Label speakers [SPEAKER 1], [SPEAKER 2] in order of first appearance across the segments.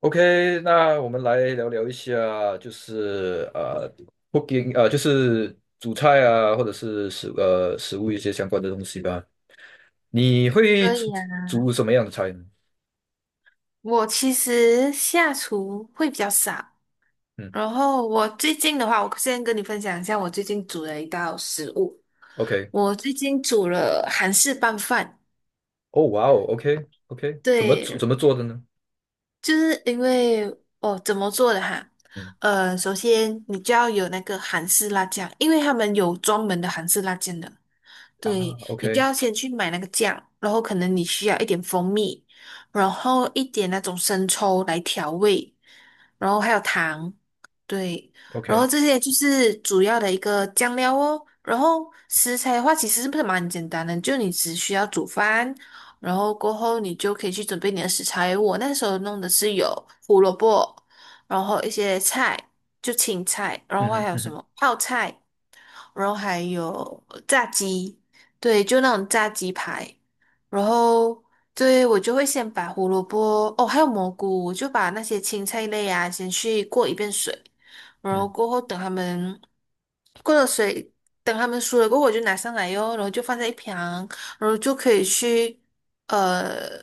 [SPEAKER 1] OK，那我们来聊聊一下，就是cooking， 就是煮菜啊，或者是食物一些相关的东西吧。你会
[SPEAKER 2] 可
[SPEAKER 1] 煮
[SPEAKER 2] 以啊。
[SPEAKER 1] 煮什么样的菜呢？
[SPEAKER 2] 我其实下厨会比较少，
[SPEAKER 1] 嗯
[SPEAKER 2] 然后我最近的话，我先跟你分享一下我最近煮的一道食物。
[SPEAKER 1] ，OK，
[SPEAKER 2] 我最近煮了韩式拌饭，
[SPEAKER 1] 哦，哇哦，OK OK，怎
[SPEAKER 2] 对，
[SPEAKER 1] 么做的呢？
[SPEAKER 2] 就是因为哦，怎么做的哈？
[SPEAKER 1] 嗯
[SPEAKER 2] 首先你就要有那个韩式辣酱，因为他们有专门的韩式辣酱的。对，
[SPEAKER 1] 啊
[SPEAKER 2] 你就
[SPEAKER 1] ，OK
[SPEAKER 2] 要先去买那个酱，然后可能你需要一点蜂蜜，然后一点那种生抽来调味，然后还有糖，对，然后
[SPEAKER 1] OK，
[SPEAKER 2] 这些就是主要的一个酱料哦。然后食材的话，其实是不是蛮简单的，就你只需要煮饭，然后过后你就可以去准备你的食材。我那时候弄的是有胡萝卜，然后一些菜，就青菜，然后
[SPEAKER 1] 嗯哼
[SPEAKER 2] 还有
[SPEAKER 1] 嗯
[SPEAKER 2] 什
[SPEAKER 1] 哼
[SPEAKER 2] 么泡菜。然后还有炸鸡，对，就那种炸鸡排，然后对我就会先把胡萝卜，哦，还有蘑菇，我就把那些青菜类啊先去过一遍水，然
[SPEAKER 1] 嗯
[SPEAKER 2] 后过后等他们过了水，等他们熟了过后，我就拿上来哟，然后就放在一旁，然后就可以去。呃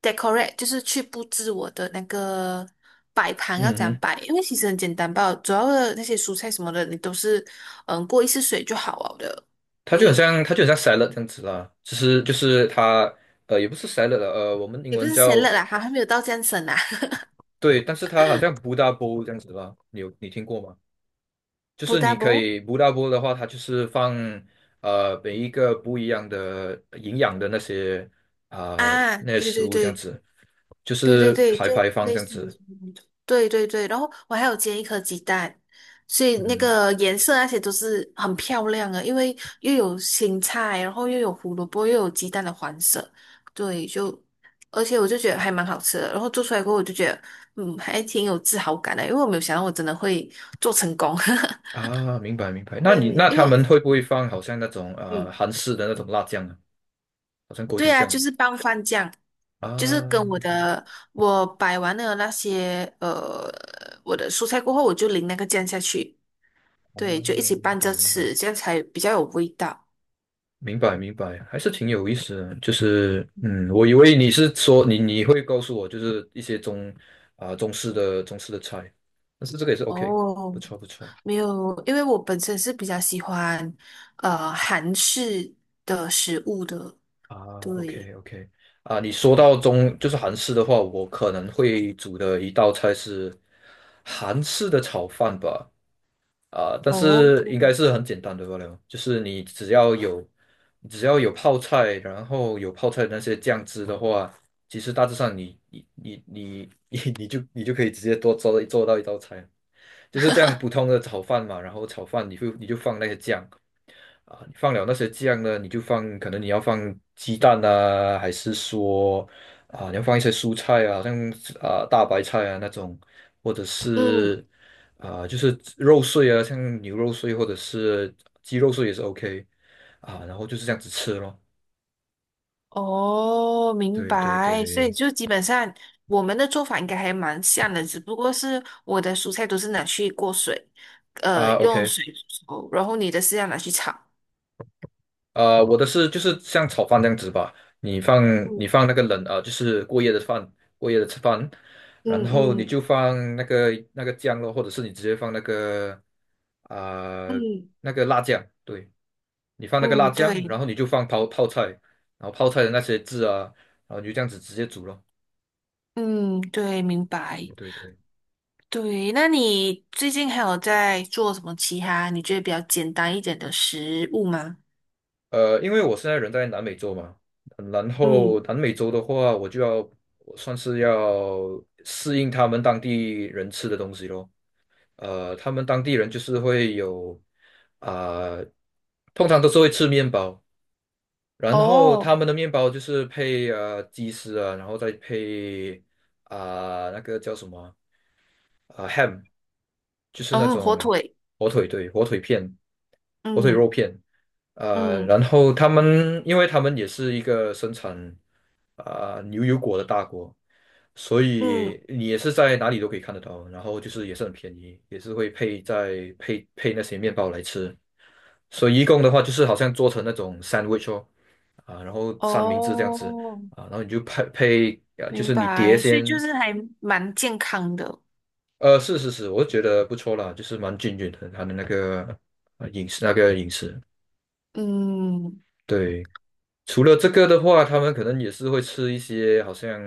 [SPEAKER 2] decorate，就是去布置我的那个摆盘要
[SPEAKER 1] 嗯
[SPEAKER 2] 怎样
[SPEAKER 1] 哼，
[SPEAKER 2] 摆，因为其实很简单吧，主要的那些蔬菜什么的，你都是过一次水就好了的。对，
[SPEAKER 1] 它就很像 salad 这样子啦，其实就是也不是 salad 了，我们英
[SPEAKER 2] 也不
[SPEAKER 1] 文
[SPEAKER 2] 是 s
[SPEAKER 1] 叫
[SPEAKER 2] a 啦，还没有到这样省啊。
[SPEAKER 1] 对，但是它好像 Buddha b o w 这样子啦，你听过吗？就
[SPEAKER 2] 不
[SPEAKER 1] 是
[SPEAKER 2] d o
[SPEAKER 1] 你
[SPEAKER 2] u b
[SPEAKER 1] 可
[SPEAKER 2] e
[SPEAKER 1] 以不大波的话，它就是放每一个不一样的营养的那些啊、
[SPEAKER 2] 啊，
[SPEAKER 1] 那些
[SPEAKER 2] 对
[SPEAKER 1] 食
[SPEAKER 2] 对
[SPEAKER 1] 物这样
[SPEAKER 2] 对。
[SPEAKER 1] 子，就
[SPEAKER 2] 对对
[SPEAKER 1] 是
[SPEAKER 2] 对，
[SPEAKER 1] 排
[SPEAKER 2] 就
[SPEAKER 1] 排放
[SPEAKER 2] 类
[SPEAKER 1] 这样
[SPEAKER 2] 似于
[SPEAKER 1] 子。
[SPEAKER 2] 那种对对对，然后我还有煎一颗鸡蛋，所以那
[SPEAKER 1] 嗯
[SPEAKER 2] 个颜色那些都是很漂亮的，因为又有青菜，然后又有胡萝卜，又有鸡蛋的黄色，对，就而且我就觉得还蛮好吃的，然后做出来过后我就觉得，嗯，还挺有自豪感的，因为我没有想到我真的会做成功，
[SPEAKER 1] 啊，明白明白。那你
[SPEAKER 2] 对，
[SPEAKER 1] 那
[SPEAKER 2] 因
[SPEAKER 1] 他
[SPEAKER 2] 为我
[SPEAKER 1] 们会不会放好像那种
[SPEAKER 2] 嗯。
[SPEAKER 1] 韩式的那种辣酱啊，好像锅就
[SPEAKER 2] 对啊，就
[SPEAKER 1] 酱
[SPEAKER 2] 是拌饭酱，就是
[SPEAKER 1] 啊？
[SPEAKER 2] 跟我的我摆完了那些我的蔬菜过后，我就淋那个酱下去，
[SPEAKER 1] 啊，
[SPEAKER 2] 对，就一起
[SPEAKER 1] 明
[SPEAKER 2] 拌
[SPEAKER 1] 白
[SPEAKER 2] 着
[SPEAKER 1] 明白。
[SPEAKER 2] 吃，这样才比较有味道。
[SPEAKER 1] 明白明白，还是挺有意思的。就是嗯，我以为你是说你会告诉我，就是一些中啊、中式的中式的菜，但是这个也是 OK，
[SPEAKER 2] 哦，
[SPEAKER 1] 不错不错
[SPEAKER 2] 没有，因为我本身是比较喜欢韩式的食物的，
[SPEAKER 1] 啊
[SPEAKER 2] 对，
[SPEAKER 1] ，OK OK 啊，你说到就是韩式的话，我可能会煮的一道菜是韩式的炒饭吧。啊、但
[SPEAKER 2] 哦，
[SPEAKER 1] 是应该是很简单的罢了，就是你只要有，你只要有泡菜，然后有泡菜的那些酱汁的话，其实大致上你 你就可以直接做到一道菜，就是这样普通的炒饭嘛，然后炒饭你就放那些酱，啊，你放了那些酱呢，你就放，可能你要放鸡蛋啊，还是说啊，你要放一些蔬菜啊，好像啊大白菜啊那种，或者
[SPEAKER 2] 嗯。
[SPEAKER 1] 是啊就是肉碎啊，像牛肉碎或者是鸡肉碎也是 OK 啊，然后就是这样子吃咯。
[SPEAKER 2] 哦，明
[SPEAKER 1] 对对
[SPEAKER 2] 白。所以
[SPEAKER 1] 对，
[SPEAKER 2] 就基本上我们的做法应该还蛮像的，只不过是我的蔬菜都是拿去过水，
[SPEAKER 1] 啊
[SPEAKER 2] 用
[SPEAKER 1] OK。
[SPEAKER 2] 水煮，然后你的是要拿去炒。
[SPEAKER 1] 呃，我的是就是像炒饭这样子吧，你放你
[SPEAKER 2] 嗯
[SPEAKER 1] 放那个冷啊，呃就是过夜的饭，过夜的吃饭，然
[SPEAKER 2] 嗯
[SPEAKER 1] 后你就
[SPEAKER 2] 嗯
[SPEAKER 1] 放那个酱咯，或者是你直接放那个啊、呃
[SPEAKER 2] 嗯
[SPEAKER 1] 那个辣酱，对，你放那个辣
[SPEAKER 2] 嗯，
[SPEAKER 1] 酱，
[SPEAKER 2] 对，
[SPEAKER 1] 然后你就放泡泡菜，然后泡菜的那些汁啊，然后你就这样子直接煮咯。
[SPEAKER 2] 嗯对，明白。
[SPEAKER 1] 对对。
[SPEAKER 2] 对，那你最近还有在做什么其他你觉得比较简单一点的食物吗？
[SPEAKER 1] 呃，因为我现在人在南美洲嘛，然后
[SPEAKER 2] 嗯，
[SPEAKER 1] 南美洲的话，我算是要适应他们当地人吃的东西咯。呃，他们当地人就是会有啊、通常都是会吃面包，然后
[SPEAKER 2] 哦，
[SPEAKER 1] 他们的面包就是配鸡丝啊，然后再配啊、那个叫什么啊、ham，就是那
[SPEAKER 2] 嗯，火
[SPEAKER 1] 种
[SPEAKER 2] 腿，
[SPEAKER 1] 火腿对，火腿片，火腿
[SPEAKER 2] 嗯
[SPEAKER 1] 肉片，呃，
[SPEAKER 2] 嗯
[SPEAKER 1] 然后因为他们也是一个生产。啊、牛油果的大国，所
[SPEAKER 2] 嗯，
[SPEAKER 1] 以你也是在哪里都可以看得到，然后就是也是很便宜，也是会配在配配那些面包来吃，所以一共的话就是好像做成那种 sandwich 哦，啊，然后三明治这样子
[SPEAKER 2] 哦。
[SPEAKER 1] 啊，然后你就配，就
[SPEAKER 2] 明
[SPEAKER 1] 是你碟
[SPEAKER 2] 白，所以就
[SPEAKER 1] 先，
[SPEAKER 2] 是还蛮健康的。
[SPEAKER 1] 呃，是是是，我觉得不错啦，就是蛮均匀的，它的那个呃饮食，
[SPEAKER 2] 嗯
[SPEAKER 1] 对。除了这个的话，他们可能也是会吃一些好像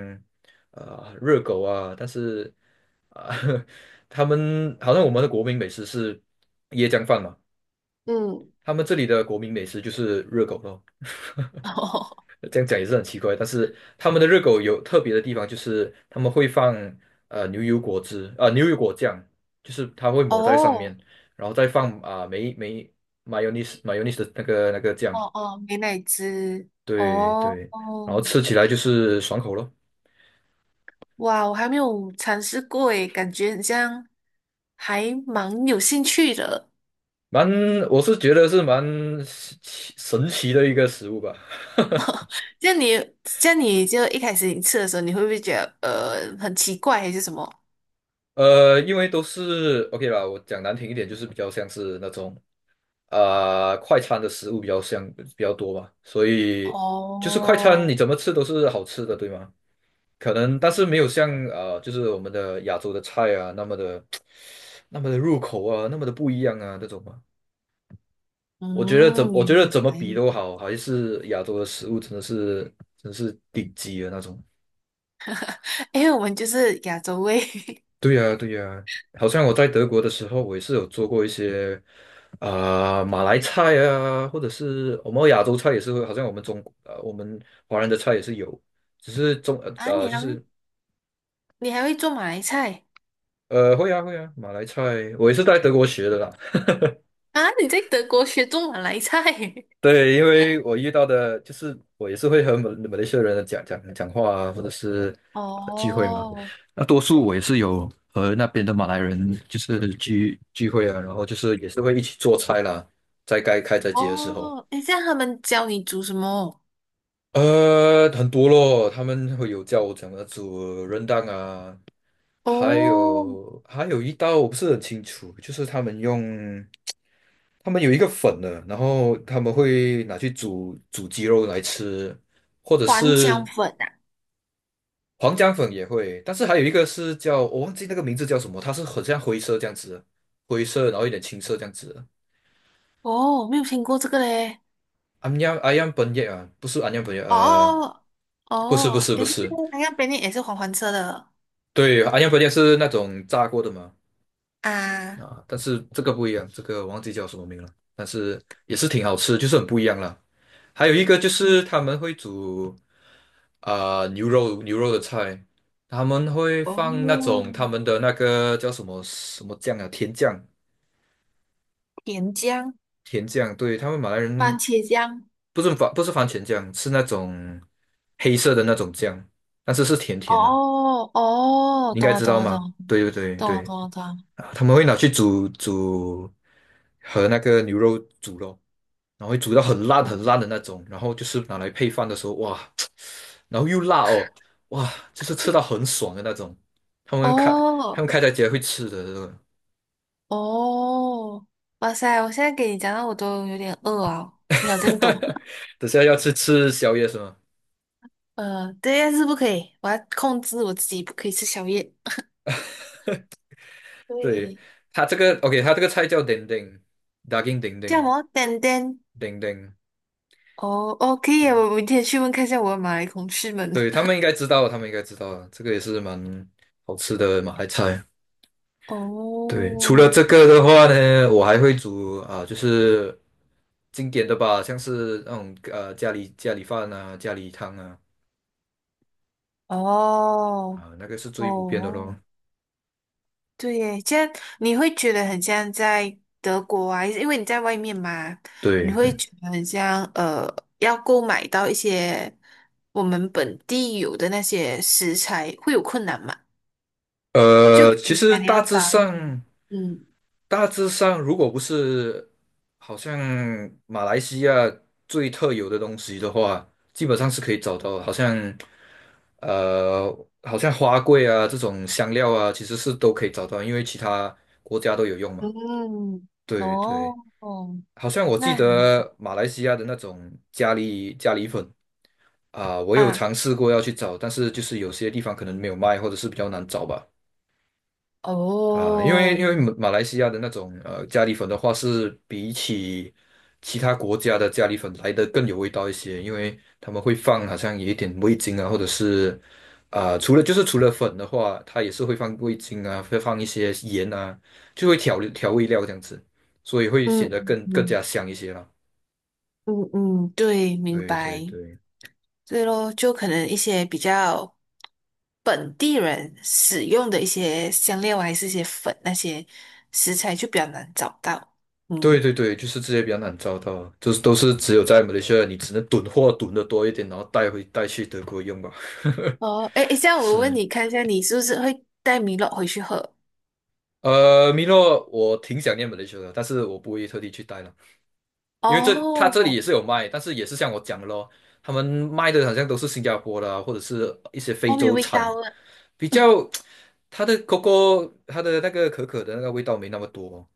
[SPEAKER 1] 啊、热狗啊，但是啊、他们好像我们的国民美食是椰浆饭嘛，
[SPEAKER 2] 嗯，
[SPEAKER 1] 他们这里的国民美食就是热狗咯。这样讲也是很奇怪，但是他们的热狗有特别的地方，就是他们会放呃牛油果汁啊、牛油果酱，就是它会抹在上面，
[SPEAKER 2] 哦
[SPEAKER 1] 然后再放啊、mayonnaise 的那个
[SPEAKER 2] 哦
[SPEAKER 1] 酱，
[SPEAKER 2] 哦，美乃滋，
[SPEAKER 1] 对
[SPEAKER 2] 哦
[SPEAKER 1] 对，然后
[SPEAKER 2] 哦，
[SPEAKER 1] 吃起来就是爽口咯。
[SPEAKER 2] 哇，我还没有尝试过诶，感觉很像还蛮有兴趣的。
[SPEAKER 1] 蛮，我是觉得是蛮神奇的一个食物吧。
[SPEAKER 2] 像你，像你就一开始你吃的时候，你会不会觉得很奇怪还是什么？
[SPEAKER 1] 呃，因为都是 OK 啦，我讲难听一点，就是比较像是那种啊、快餐的食物比较多吧，所以就是快餐你
[SPEAKER 2] 哦，
[SPEAKER 1] 怎么吃都是好吃的，对吗？可能但是没有像，就是我们的亚洲的菜啊那么的 那么的入口啊，那么的不一样啊这种嘛。
[SPEAKER 2] 嗯，
[SPEAKER 1] 我觉
[SPEAKER 2] 原
[SPEAKER 1] 得怎么比
[SPEAKER 2] 来，
[SPEAKER 1] 都好，还是亚洲的食物真是顶级的那种。
[SPEAKER 2] 因为我们就是亚洲胃
[SPEAKER 1] 对呀，对呀，好像我在德国的时候，我也是有做过一些啊、马来菜啊，或者是我们亚洲菜也是会，好像我们华人的菜也是有，只是
[SPEAKER 2] 啊，
[SPEAKER 1] 就是
[SPEAKER 2] 你还会做马来菜？
[SPEAKER 1] 呃会啊会啊，马来菜我也是在德国学的啦，
[SPEAKER 2] 啊，你在德国学做马来菜？
[SPEAKER 1] 对，因为我遇到的，就是我也是会和马来西亚人讲话啊，或者是 呃聚会嘛。
[SPEAKER 2] 哦
[SPEAKER 1] 那多数我也是有和那边的马来人就是聚会啊，然后就是也是会一起做菜啦，在该开斋节的时候。
[SPEAKER 2] 哦，诶，这样他们教你煮什么？
[SPEAKER 1] 呃，很多咯，他们会有叫我怎么煮 r 蛋啊，
[SPEAKER 2] 哦，
[SPEAKER 1] 还有一道我不是很清楚，就是他们有一个粉的，然后他们会拿去煮鸡肉来吃，或者
[SPEAKER 2] 黄姜
[SPEAKER 1] 是
[SPEAKER 2] 粉啊，
[SPEAKER 1] 黄姜粉也会，但是还有一个是叫我忘记那个名字叫什么，它是很像灰色这样子的灰色然后有点青色这样子的。
[SPEAKER 2] 哦，没有听过这个嘞。
[SPEAKER 1] 安阳安阳本叶啊，不是安阳本叶，呃，
[SPEAKER 2] 哦
[SPEAKER 1] 不是不
[SPEAKER 2] 哦，
[SPEAKER 1] 是不
[SPEAKER 2] 也不是，
[SPEAKER 1] 是，
[SPEAKER 2] 它那边也是黄黄色的
[SPEAKER 1] 对，安阳火箭是那种炸过的嘛，
[SPEAKER 2] 啊，
[SPEAKER 1] 啊，但是这个不一样，这个忘记叫什么名了，但是也是挺好吃，就是很不一样了。还有一个就
[SPEAKER 2] 嗯
[SPEAKER 1] 是他们会煮啊、牛肉的菜，他们会
[SPEAKER 2] 哦，
[SPEAKER 1] 放那种他们的那个叫什么什么酱啊，甜酱，
[SPEAKER 2] 甜姜、
[SPEAKER 1] 甜酱，对，他们马来
[SPEAKER 2] 番
[SPEAKER 1] 人
[SPEAKER 2] 茄酱。
[SPEAKER 1] 不是番茄酱，是那种黑色的那种酱，但是是甜甜的，
[SPEAKER 2] 哦哦，
[SPEAKER 1] 你应
[SPEAKER 2] 懂
[SPEAKER 1] 该
[SPEAKER 2] 了
[SPEAKER 1] 知
[SPEAKER 2] 懂
[SPEAKER 1] 道
[SPEAKER 2] 了懂
[SPEAKER 1] 吗？
[SPEAKER 2] 了
[SPEAKER 1] 对对对
[SPEAKER 2] 懂了
[SPEAKER 1] 对。
[SPEAKER 2] 懂了懂了。
[SPEAKER 1] 啊他们会拿去煮和那个牛肉煮咯，然后会煮到很烂
[SPEAKER 2] 哦，
[SPEAKER 1] 很烂的那种，然后就是拿来配饭的时候，哇，然后又辣哦，哇，就是吃到很爽的那种。他们开他们
[SPEAKER 2] 哦
[SPEAKER 1] 开在家会吃的这种，
[SPEAKER 2] 哦，哇塞！我现在给你讲到我都有点饿啊，挺有见多。
[SPEAKER 1] 等下要吃宵夜是吗？
[SPEAKER 2] 对，但是不可以，我要控制我自己，不可以吃宵夜。
[SPEAKER 1] 对，
[SPEAKER 2] 对，
[SPEAKER 1] 他这个 OK，他这个菜叫 dendeng daging d e n
[SPEAKER 2] 叫什
[SPEAKER 1] d
[SPEAKER 2] 么？丹丹。哦哦，可以啊
[SPEAKER 1] 对，
[SPEAKER 2] 我明天去问看一下我的马来同事们。
[SPEAKER 1] 对他们应该知道，他们应该知道，这个也是蛮好吃的马来菜。对，除了
[SPEAKER 2] 哦
[SPEAKER 1] 这个的话呢，我还会煮啊、就是经典的吧，像是那种呃家里饭啊、家里汤啊，
[SPEAKER 2] 哦
[SPEAKER 1] 啊、那个是最普遍的咯。
[SPEAKER 2] 哦。对耶，这样你会觉得很像在德国啊，因为你在外面嘛，你
[SPEAKER 1] 对
[SPEAKER 2] 会
[SPEAKER 1] 对，
[SPEAKER 2] 觉得很像要购买到一些我们本地有的那些食材会有困难嘛？就
[SPEAKER 1] 呃，
[SPEAKER 2] 比
[SPEAKER 1] 其
[SPEAKER 2] 如
[SPEAKER 1] 实
[SPEAKER 2] 讲你
[SPEAKER 1] 大
[SPEAKER 2] 要
[SPEAKER 1] 致
[SPEAKER 2] 找那种，
[SPEAKER 1] 上
[SPEAKER 2] 嗯
[SPEAKER 1] 大致上，如果不是好像马来西亚最特有的东西的话，基本上是可以找到的，好像呃好像花桂啊这种香料啊，其实是都可以找到，因为其他国家都有用嘛。
[SPEAKER 2] 嗯，
[SPEAKER 1] 对对。
[SPEAKER 2] 哦，
[SPEAKER 1] 好像我记
[SPEAKER 2] 那
[SPEAKER 1] 得马来西亚的那种咖喱粉啊，我有
[SPEAKER 2] 啊，
[SPEAKER 1] 尝试过要去找，但是就是有些地方可能没有卖，或者是比较难找吧。啊，
[SPEAKER 2] 哦，
[SPEAKER 1] 因为马来西亚的那种呃咖喱粉的话，是比起其他国家的咖喱粉来的更有味道一些，因为他们会放好像有一点味精啊，或者是啊、除了粉的话，它也是会放味精啊，会放一些盐啊，就会调味料这样子，所以会显
[SPEAKER 2] 嗯
[SPEAKER 1] 得更
[SPEAKER 2] 嗯
[SPEAKER 1] 加香一些啦。
[SPEAKER 2] 嗯嗯，嗯对，明
[SPEAKER 1] 对对
[SPEAKER 2] 白。
[SPEAKER 1] 对
[SPEAKER 2] 对咯，就可能一些比较本地人使用的一些香料啊，还是一些粉那些食材就比较难找到。
[SPEAKER 1] 对
[SPEAKER 2] 嗯，
[SPEAKER 1] 对对，就是这些比较难找到，就是都是只有在马来西亚，你只能囤货囤的多一点，然后带去德国用吧。
[SPEAKER 2] 哦，诶，诶这 样我问
[SPEAKER 1] 是，
[SPEAKER 2] 你看一下，你是不是会带米露回去喝？
[SPEAKER 1] 呃，米诺，我挺想念马来西亚的，但是我不会特地去带了，因为他这里
[SPEAKER 2] 哦，
[SPEAKER 1] 也是有卖，但是也是像我讲的咯，他们卖的好像都是新加坡的啊或者是一些非
[SPEAKER 2] 后面
[SPEAKER 1] 洲
[SPEAKER 2] 味
[SPEAKER 1] 产，
[SPEAKER 2] 道了，
[SPEAKER 1] 比较它的 coco 它的那个可可的那个味道没那么多，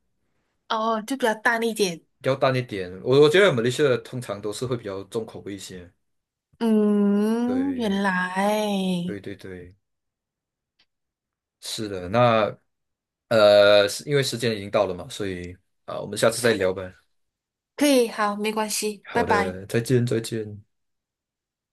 [SPEAKER 2] 哦，就比较淡一点。
[SPEAKER 1] 比较淡一点。我觉得马来西亚的通常都是会比较重口味一些，
[SPEAKER 2] 嗯，
[SPEAKER 1] 对。
[SPEAKER 2] 原来
[SPEAKER 1] 对对对，是的，那呃，是因为时间已经到了嘛，所以啊，我们下次再聊吧。
[SPEAKER 2] 可以，好，没关系，拜
[SPEAKER 1] 好
[SPEAKER 2] 拜。
[SPEAKER 1] 的，再见，再见。